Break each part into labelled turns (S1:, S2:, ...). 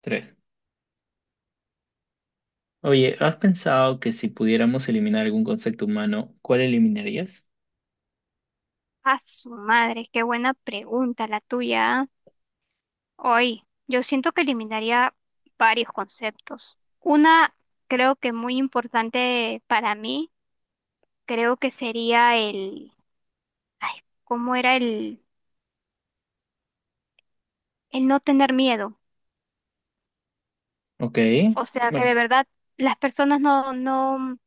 S1: Tres. Oye, ¿has pensado que si pudiéramos eliminar algún concepto humano, cuál eliminarías?
S2: A su madre, qué buena pregunta la tuya. Hoy, yo siento que eliminaría varios conceptos. Una, creo que muy importante para mí, creo que sería el, ay, ¿cómo era el no tener miedo?
S1: Ok,
S2: O sea, que
S1: bueno,
S2: de verdad las personas no, no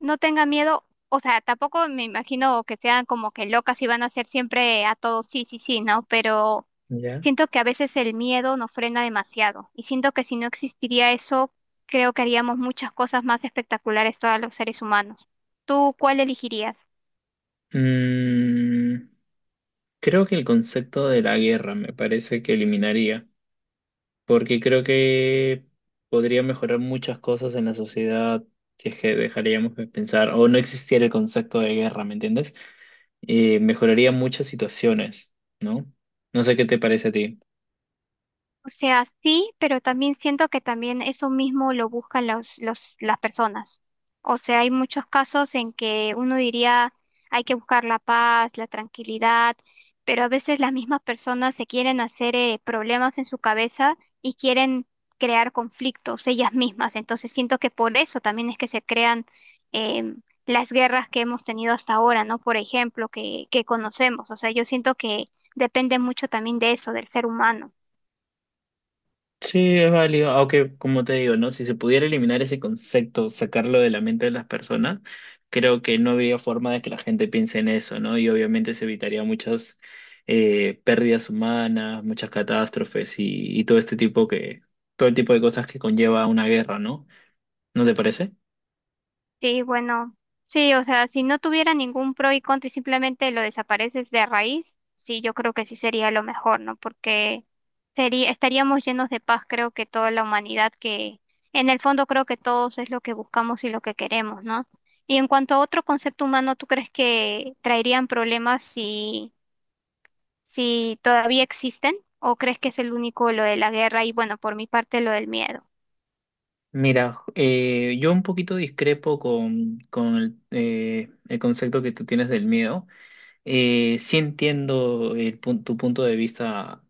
S2: no tenga miedo, o sea, tampoco me imagino que sean como que locas y van a ser siempre a todos sí, sí, sí, ¿no? Pero
S1: ya.
S2: siento que a veces el miedo nos frena demasiado y siento que si no existiría eso, creo que haríamos muchas cosas más espectaculares todos los seres humanos. ¿Tú cuál elegirías?
S1: Mm, creo que el concepto de la guerra me parece que eliminaría, porque creo que podría mejorar muchas cosas en la sociedad si es que dejaríamos de pensar o no existiera el concepto de guerra, ¿me entiendes? Mejoraría muchas situaciones, ¿no? No sé qué te parece a ti.
S2: O sea, sí, pero también siento que también eso mismo lo buscan las personas. O sea, hay muchos casos en que uno diría hay que buscar la paz, la tranquilidad, pero a veces las mismas personas se quieren hacer problemas en su cabeza y quieren crear conflictos ellas mismas. Entonces siento que por eso también es que se crean las guerras que hemos tenido hasta ahora, ¿no? Por ejemplo, que conocemos. O sea, yo siento que depende mucho también de eso, del ser humano.
S1: Sí, es válido, aunque como te digo, ¿no? Si se pudiera eliminar ese concepto, sacarlo de la mente de las personas, creo que no habría forma de que la gente piense en eso, ¿no? Y obviamente se evitaría muchas pérdidas humanas, muchas catástrofes y todo este tipo que, todo el tipo de cosas que conlleva una guerra, ¿no? ¿No te parece?
S2: Sí, bueno, sí, o sea, si no tuviera ningún pro y contra y simplemente lo desapareces de raíz, sí, yo creo que sí sería lo mejor, ¿no? Porque sería, estaríamos llenos de paz, creo que toda la humanidad, que en el fondo creo que todos es lo que buscamos y lo que queremos, ¿no? Y en cuanto a otro concepto humano, ¿tú crees que traerían problemas si, si todavía existen? ¿O crees que es el único lo de la guerra y, bueno, por mi parte, lo del miedo?
S1: Mira, yo un poquito discrepo con el concepto que tú tienes del miedo. Sí entiendo tu punto de vista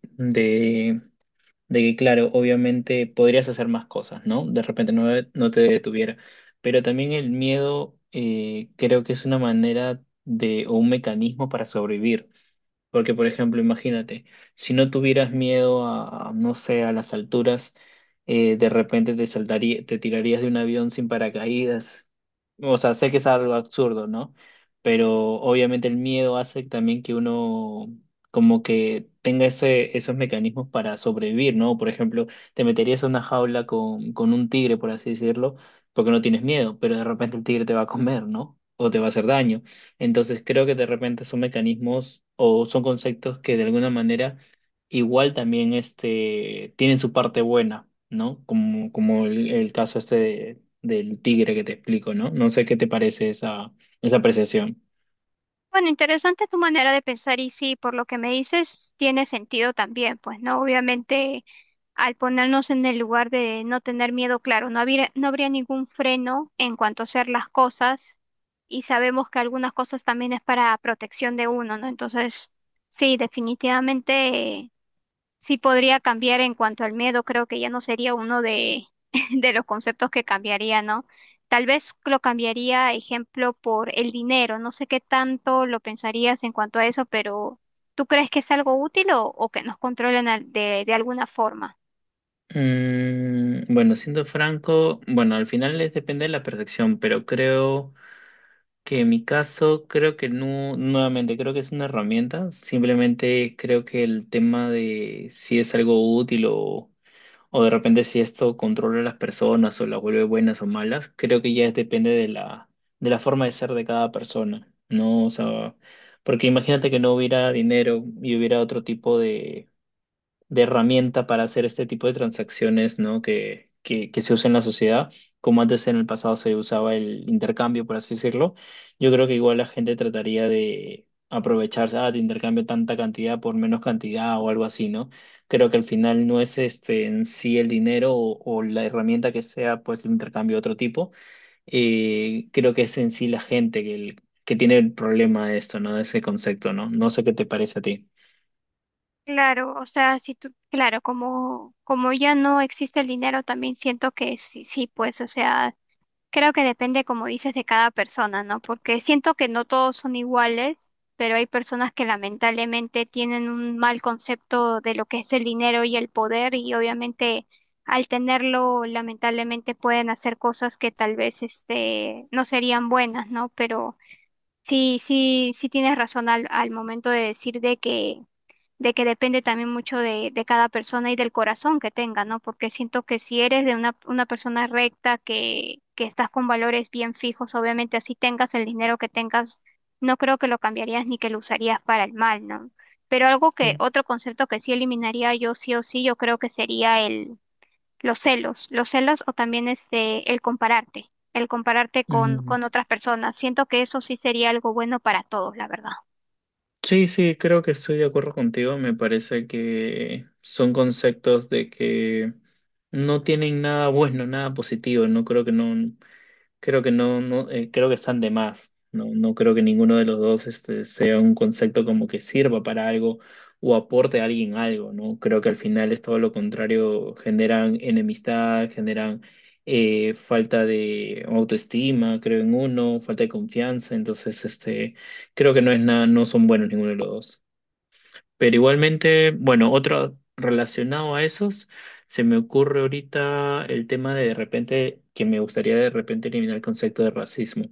S1: de que, claro, obviamente podrías hacer más cosas, ¿no? De repente no, no te detuviera. Pero también el miedo creo que es una manera de, o un mecanismo para sobrevivir. Porque, por ejemplo, imagínate, si no tuvieras miedo no sé, a las alturas, de repente te saltaría, te tirarías de un avión sin paracaídas. O sea, sé que es algo absurdo, ¿no? Pero obviamente el miedo hace también que uno como que tenga ese, esos mecanismos para sobrevivir, ¿no? Por ejemplo, te meterías en una jaula con un tigre, por así decirlo, porque no tienes miedo, pero de repente el tigre te va a comer, ¿no? O te va a hacer daño. Entonces creo que de repente son mecanismos o son conceptos que de alguna manera igual también este, tienen su parte buena, ¿no? Como, como el caso este del tigre que te explico, ¿no? No sé qué te parece esa, esa apreciación.
S2: Bueno, interesante tu manera de pensar y sí, por lo que me dices, tiene sentido también, pues, ¿no? Obviamente, al ponernos en el lugar de no tener miedo, claro, no habría ningún freno en cuanto a hacer las cosas y sabemos que algunas cosas también es para protección de uno, ¿no? Entonces, sí, definitivamente sí podría cambiar en cuanto al miedo, creo que ya no sería uno de, de los conceptos que cambiaría, ¿no? Tal vez lo cambiaría, ejemplo, por el dinero. No sé qué tanto lo pensarías en cuanto a eso, pero ¿tú crees que es algo útil o que nos controlen al- de alguna forma?
S1: Bueno, siendo franco, bueno, al final es depende de la perfección, pero creo que en mi caso, creo que no, nuevamente, creo que es una herramienta, simplemente creo que el tema de si es algo útil o de repente si esto controla a las personas o las vuelve buenas o malas, creo que ya depende de la forma de ser de cada persona, ¿no? O sea, porque imagínate que no hubiera dinero y hubiera otro tipo de herramienta para hacer este tipo de transacciones, ¿no? Que se usa en la sociedad, como antes en el pasado se usaba el intercambio, por así decirlo. Yo creo que igual la gente trataría de aprovecharse, ah, te intercambio tanta cantidad por menos cantidad o algo así, ¿no? Creo que al final no es este en sí el dinero o la herramienta que sea, pues el intercambio de otro tipo. Creo que es en sí la gente que, que tiene el problema de esto, ¿no? De ese concepto, ¿no? No sé qué te parece a ti.
S2: Claro, o sea, si tú, claro, como, como ya no existe el dinero, también siento que sí, sí, pues, o sea, creo que depende, como dices, de cada persona, ¿no? Porque siento que no todos son iguales, pero hay personas que lamentablemente tienen un mal concepto de lo que es el dinero y el poder y obviamente al tenerlo lamentablemente pueden hacer cosas que tal vez este no serían buenas, ¿no? Pero sí, sí, sí tienes razón al, al momento de decir de que depende también mucho de cada persona y del corazón que tenga, ¿no? Porque siento que si eres de una persona recta, que estás con valores bien fijos, obviamente así tengas el dinero que tengas, no creo que lo cambiarías ni que lo usarías para el mal, ¿no? Pero algo que,
S1: Sí.
S2: otro concepto que sí eliminaría yo sí o sí, yo creo que sería el, los celos o también este, el compararte
S1: Mm.
S2: con otras personas. Siento que eso sí sería algo bueno para todos, la verdad.
S1: Sí, sí, creo que estoy de acuerdo contigo. Me parece que son conceptos de que no tienen nada bueno, nada positivo. No creo que no. Creo que no, creo que están de más. No, no creo que ninguno de los dos este, sea un concepto como que sirva para algo o aporte a alguien algo, ¿no? Creo que al final es todo lo contrario, generan enemistad, generan falta de autoestima, creo en uno, falta de confianza, entonces este, creo que no es nada, no son buenos ninguno de los dos. Pero igualmente, bueno, otro relacionado a esos, se me ocurre ahorita el tema de repente que me gustaría de repente eliminar el concepto de racismo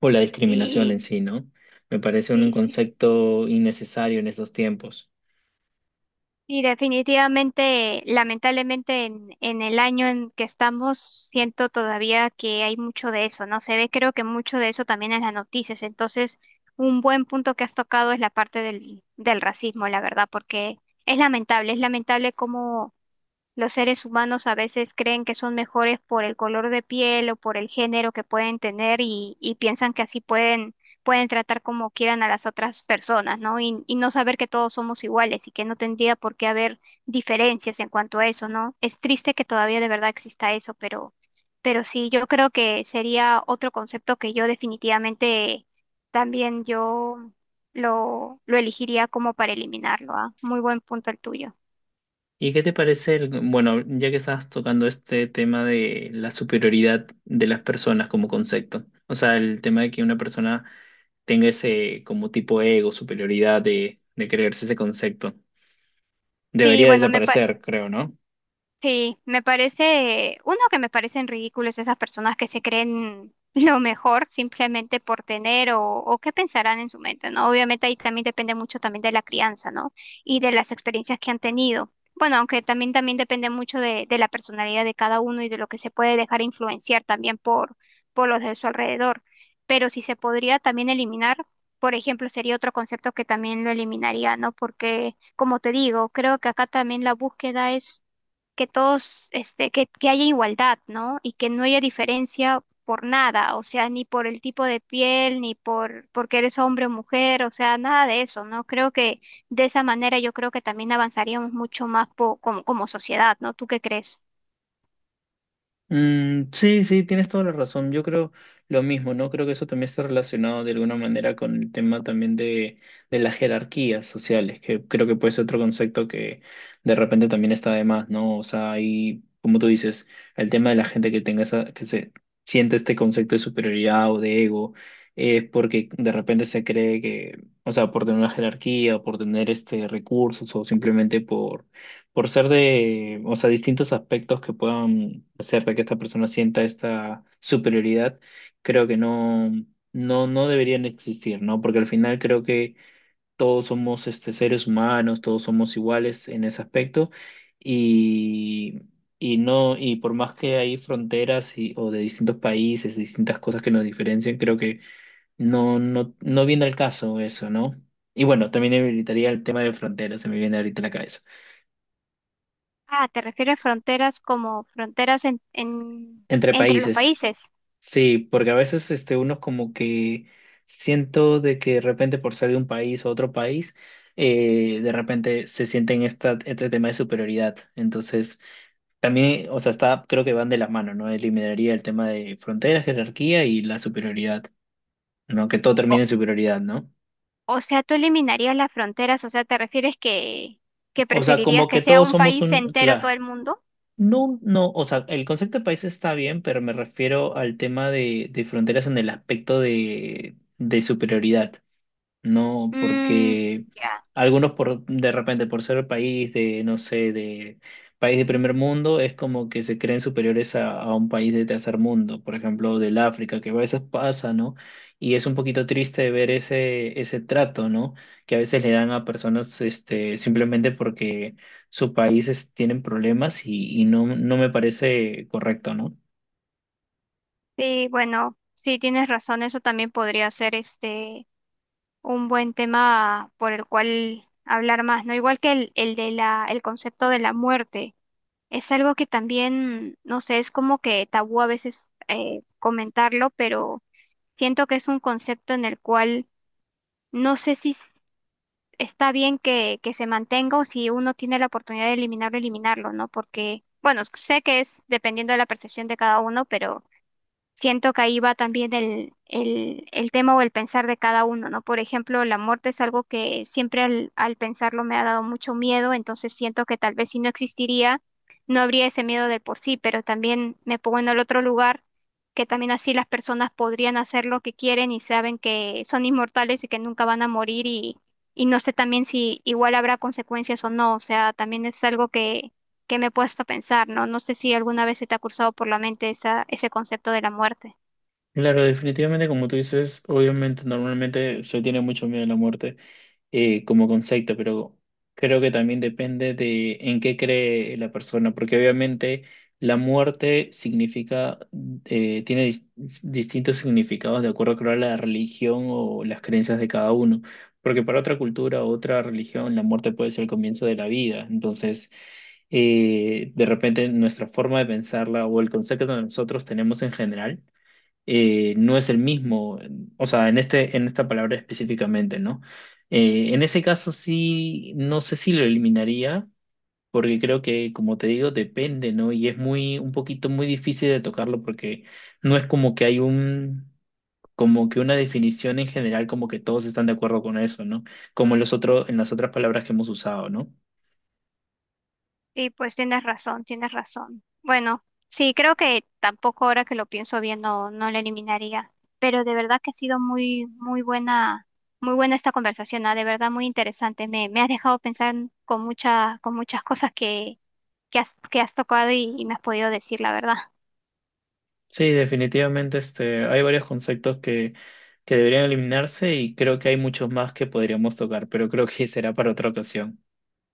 S1: o la discriminación en
S2: Y
S1: sí, ¿no? Me parece un
S2: sí, sí.
S1: concepto innecesario en estos tiempos.
S2: Y definitivamente, lamentablemente, en el año en que estamos, siento todavía que hay mucho de eso, ¿no? Se ve, creo que mucho de eso también en las noticias. Entonces, un buen punto que has tocado es la parte del, del racismo, la verdad, porque es lamentable cómo los seres humanos a veces creen que son mejores por el color de piel o por el género que pueden tener y piensan que así pueden, pueden tratar como quieran a las otras personas, ¿no? Y no saber que todos somos iguales y que no tendría por qué haber diferencias en cuanto a eso, ¿no? Es triste que todavía de verdad exista eso, pero sí, yo creo que sería otro concepto que yo definitivamente también yo lo elegiría como para eliminarlo, ¿ah? Muy buen punto el tuyo.
S1: ¿Y qué te parece el, bueno, ya que estás tocando este tema de la superioridad de las personas como concepto? O sea, el tema de que una persona tenga ese como tipo ego, superioridad de creerse ese concepto.
S2: Sí,
S1: Debería
S2: bueno, me, pa-
S1: desaparecer, creo, ¿no?
S2: Sí, me parece, uno que me parecen ridículos esas personas que se creen lo mejor simplemente por tener o qué pensarán en su mente, ¿no? Obviamente ahí también depende mucho también de la crianza, ¿no? Y de las experiencias que han tenido. Bueno, aunque también también depende mucho de la personalidad de cada uno y de lo que se puede dejar influenciar también por los de su alrededor. Pero si se podría también eliminar, por ejemplo, sería otro concepto que también lo eliminaría, ¿no? Porque, como te digo, creo que acá también la búsqueda es que todos, este, que haya igualdad, ¿no? Y que no haya diferencia por nada, o sea, ni por el tipo de piel, ni por porque eres hombre o mujer, o sea, nada de eso, ¿no? Creo que de esa manera yo creo que también avanzaríamos mucho más po- como, como sociedad, ¿no? ¿Tú qué crees?
S1: Sí, sí, tienes toda la razón. Yo creo lo mismo, ¿no? Creo que eso también está relacionado de alguna manera con el tema también de las jerarquías sociales, que creo que puede ser otro concepto que de repente también está de más, ¿no? O sea, hay, como tú dices, el tema de la gente que tenga esa, que se siente este concepto de superioridad o de ego, es porque de repente se cree que, o sea, por tener una jerarquía, o por tener este recursos, o simplemente por ser de, o sea, distintos aspectos que puedan hacer de que esta persona sienta esta superioridad, creo que no, no deberían existir, ¿no? Porque al final creo que todos somos este, seres humanos, todos somos iguales en ese aspecto y, y no, y por más que hay fronteras y, o de distintos países, distintas cosas que nos diferencian, creo que no, no viene al caso eso, ¿no? Y bueno, también evitaría el tema de fronteras, se me viene ahorita a la cabeza.
S2: Ah, ¿te refieres fronteras como fronteras en-
S1: Entre
S2: entre los
S1: países.
S2: países?
S1: Sí, porque a veces este, uno como que siento de que de repente por ser de un país a otro país, de repente se sienten esta, este tema de superioridad. Entonces, también, o sea, está, creo que van de la mano, ¿no? Eliminaría el tema de fronteras, jerarquía y la superioridad, ¿no? Que todo
S2: O,
S1: termine en superioridad, ¿no?
S2: o sea, tú eliminarías las fronteras, o sea, ¿te refieres que
S1: O sea,
S2: preferirías
S1: como que
S2: que sea
S1: todos
S2: un
S1: somos
S2: país
S1: un,
S2: entero todo
S1: claro,
S2: el mundo?
S1: no, no, o sea, el concepto de país está bien, pero me refiero al tema de fronteras en el aspecto de superioridad. No,
S2: Mm,
S1: porque
S2: ya.
S1: algunos por de repente por ser país de, no sé, de país de primer mundo, es como que se creen superiores a un país de tercer mundo, por ejemplo, del África, que a veces pasa, ¿no? Y es un poquito triste ver ese, ese trato, ¿no? Que a veces le dan a personas este, simplemente porque sus países tienen problemas y no, no me parece correcto, ¿no?
S2: Sí, bueno, sí tienes razón, eso también podría ser este un buen tema por el cual hablar más, ¿no? Igual que el de la, el concepto de la muerte. Es algo que también, no sé, es como que tabú a veces comentarlo, pero siento que es un concepto en el cual no sé si s- está bien que se mantenga o si uno tiene la oportunidad de eliminarlo, eliminarlo, ¿no? Porque, bueno, sé que es dependiendo de la percepción de cada uno, pero siento que ahí va también el tema o el pensar de cada uno, ¿no? Por ejemplo, la muerte es algo que siempre al, al pensarlo me ha dado mucho miedo, entonces siento que tal vez si no existiría, no habría ese miedo de por sí, pero también me pongo en el otro lugar, que también así las personas podrían hacer lo que quieren y saben que son inmortales y que nunca van a morir y no sé también si igual habrá consecuencias o no, o sea, también es algo que me he puesto a pensar, ¿no? No sé si alguna vez se te ha cruzado por la mente esa, ese concepto de la muerte.
S1: Claro, definitivamente como tú dices, obviamente normalmente se tiene mucho miedo a la muerte. Como concepto, pero creo que también depende de en qué cree la persona, porque obviamente la muerte significa, tiene distintos significados de acuerdo creo, a la religión o las creencias de cada uno, porque para otra cultura o otra religión la muerte puede ser el comienzo de la vida, entonces de repente nuestra forma de pensarla o el concepto que nosotros tenemos en general no es el mismo, o sea, en este, en esta palabra específicamente, ¿no? En ese caso sí, no sé si lo eliminaría, porque creo que, como te digo, depende, ¿no? Y es muy, un poquito muy difícil de tocarlo porque no es como que hay un, como que una definición en general, como que todos están de acuerdo con eso, ¿no? Como en los otros, en las otras palabras que hemos usado, ¿no?
S2: Y pues tienes razón, tienes razón. Bueno, sí, creo que tampoco ahora que lo pienso bien no, no lo eliminaría. Pero de verdad que ha sido muy, muy buena esta conversación, ¿ah? De verdad muy interesante. Me has dejado pensar con mucha, con muchas cosas que has tocado y me has podido decir, la verdad.
S1: Sí, definitivamente este, hay varios conceptos que deberían eliminarse y creo que hay muchos más que podríamos tocar, pero creo que será para otra ocasión.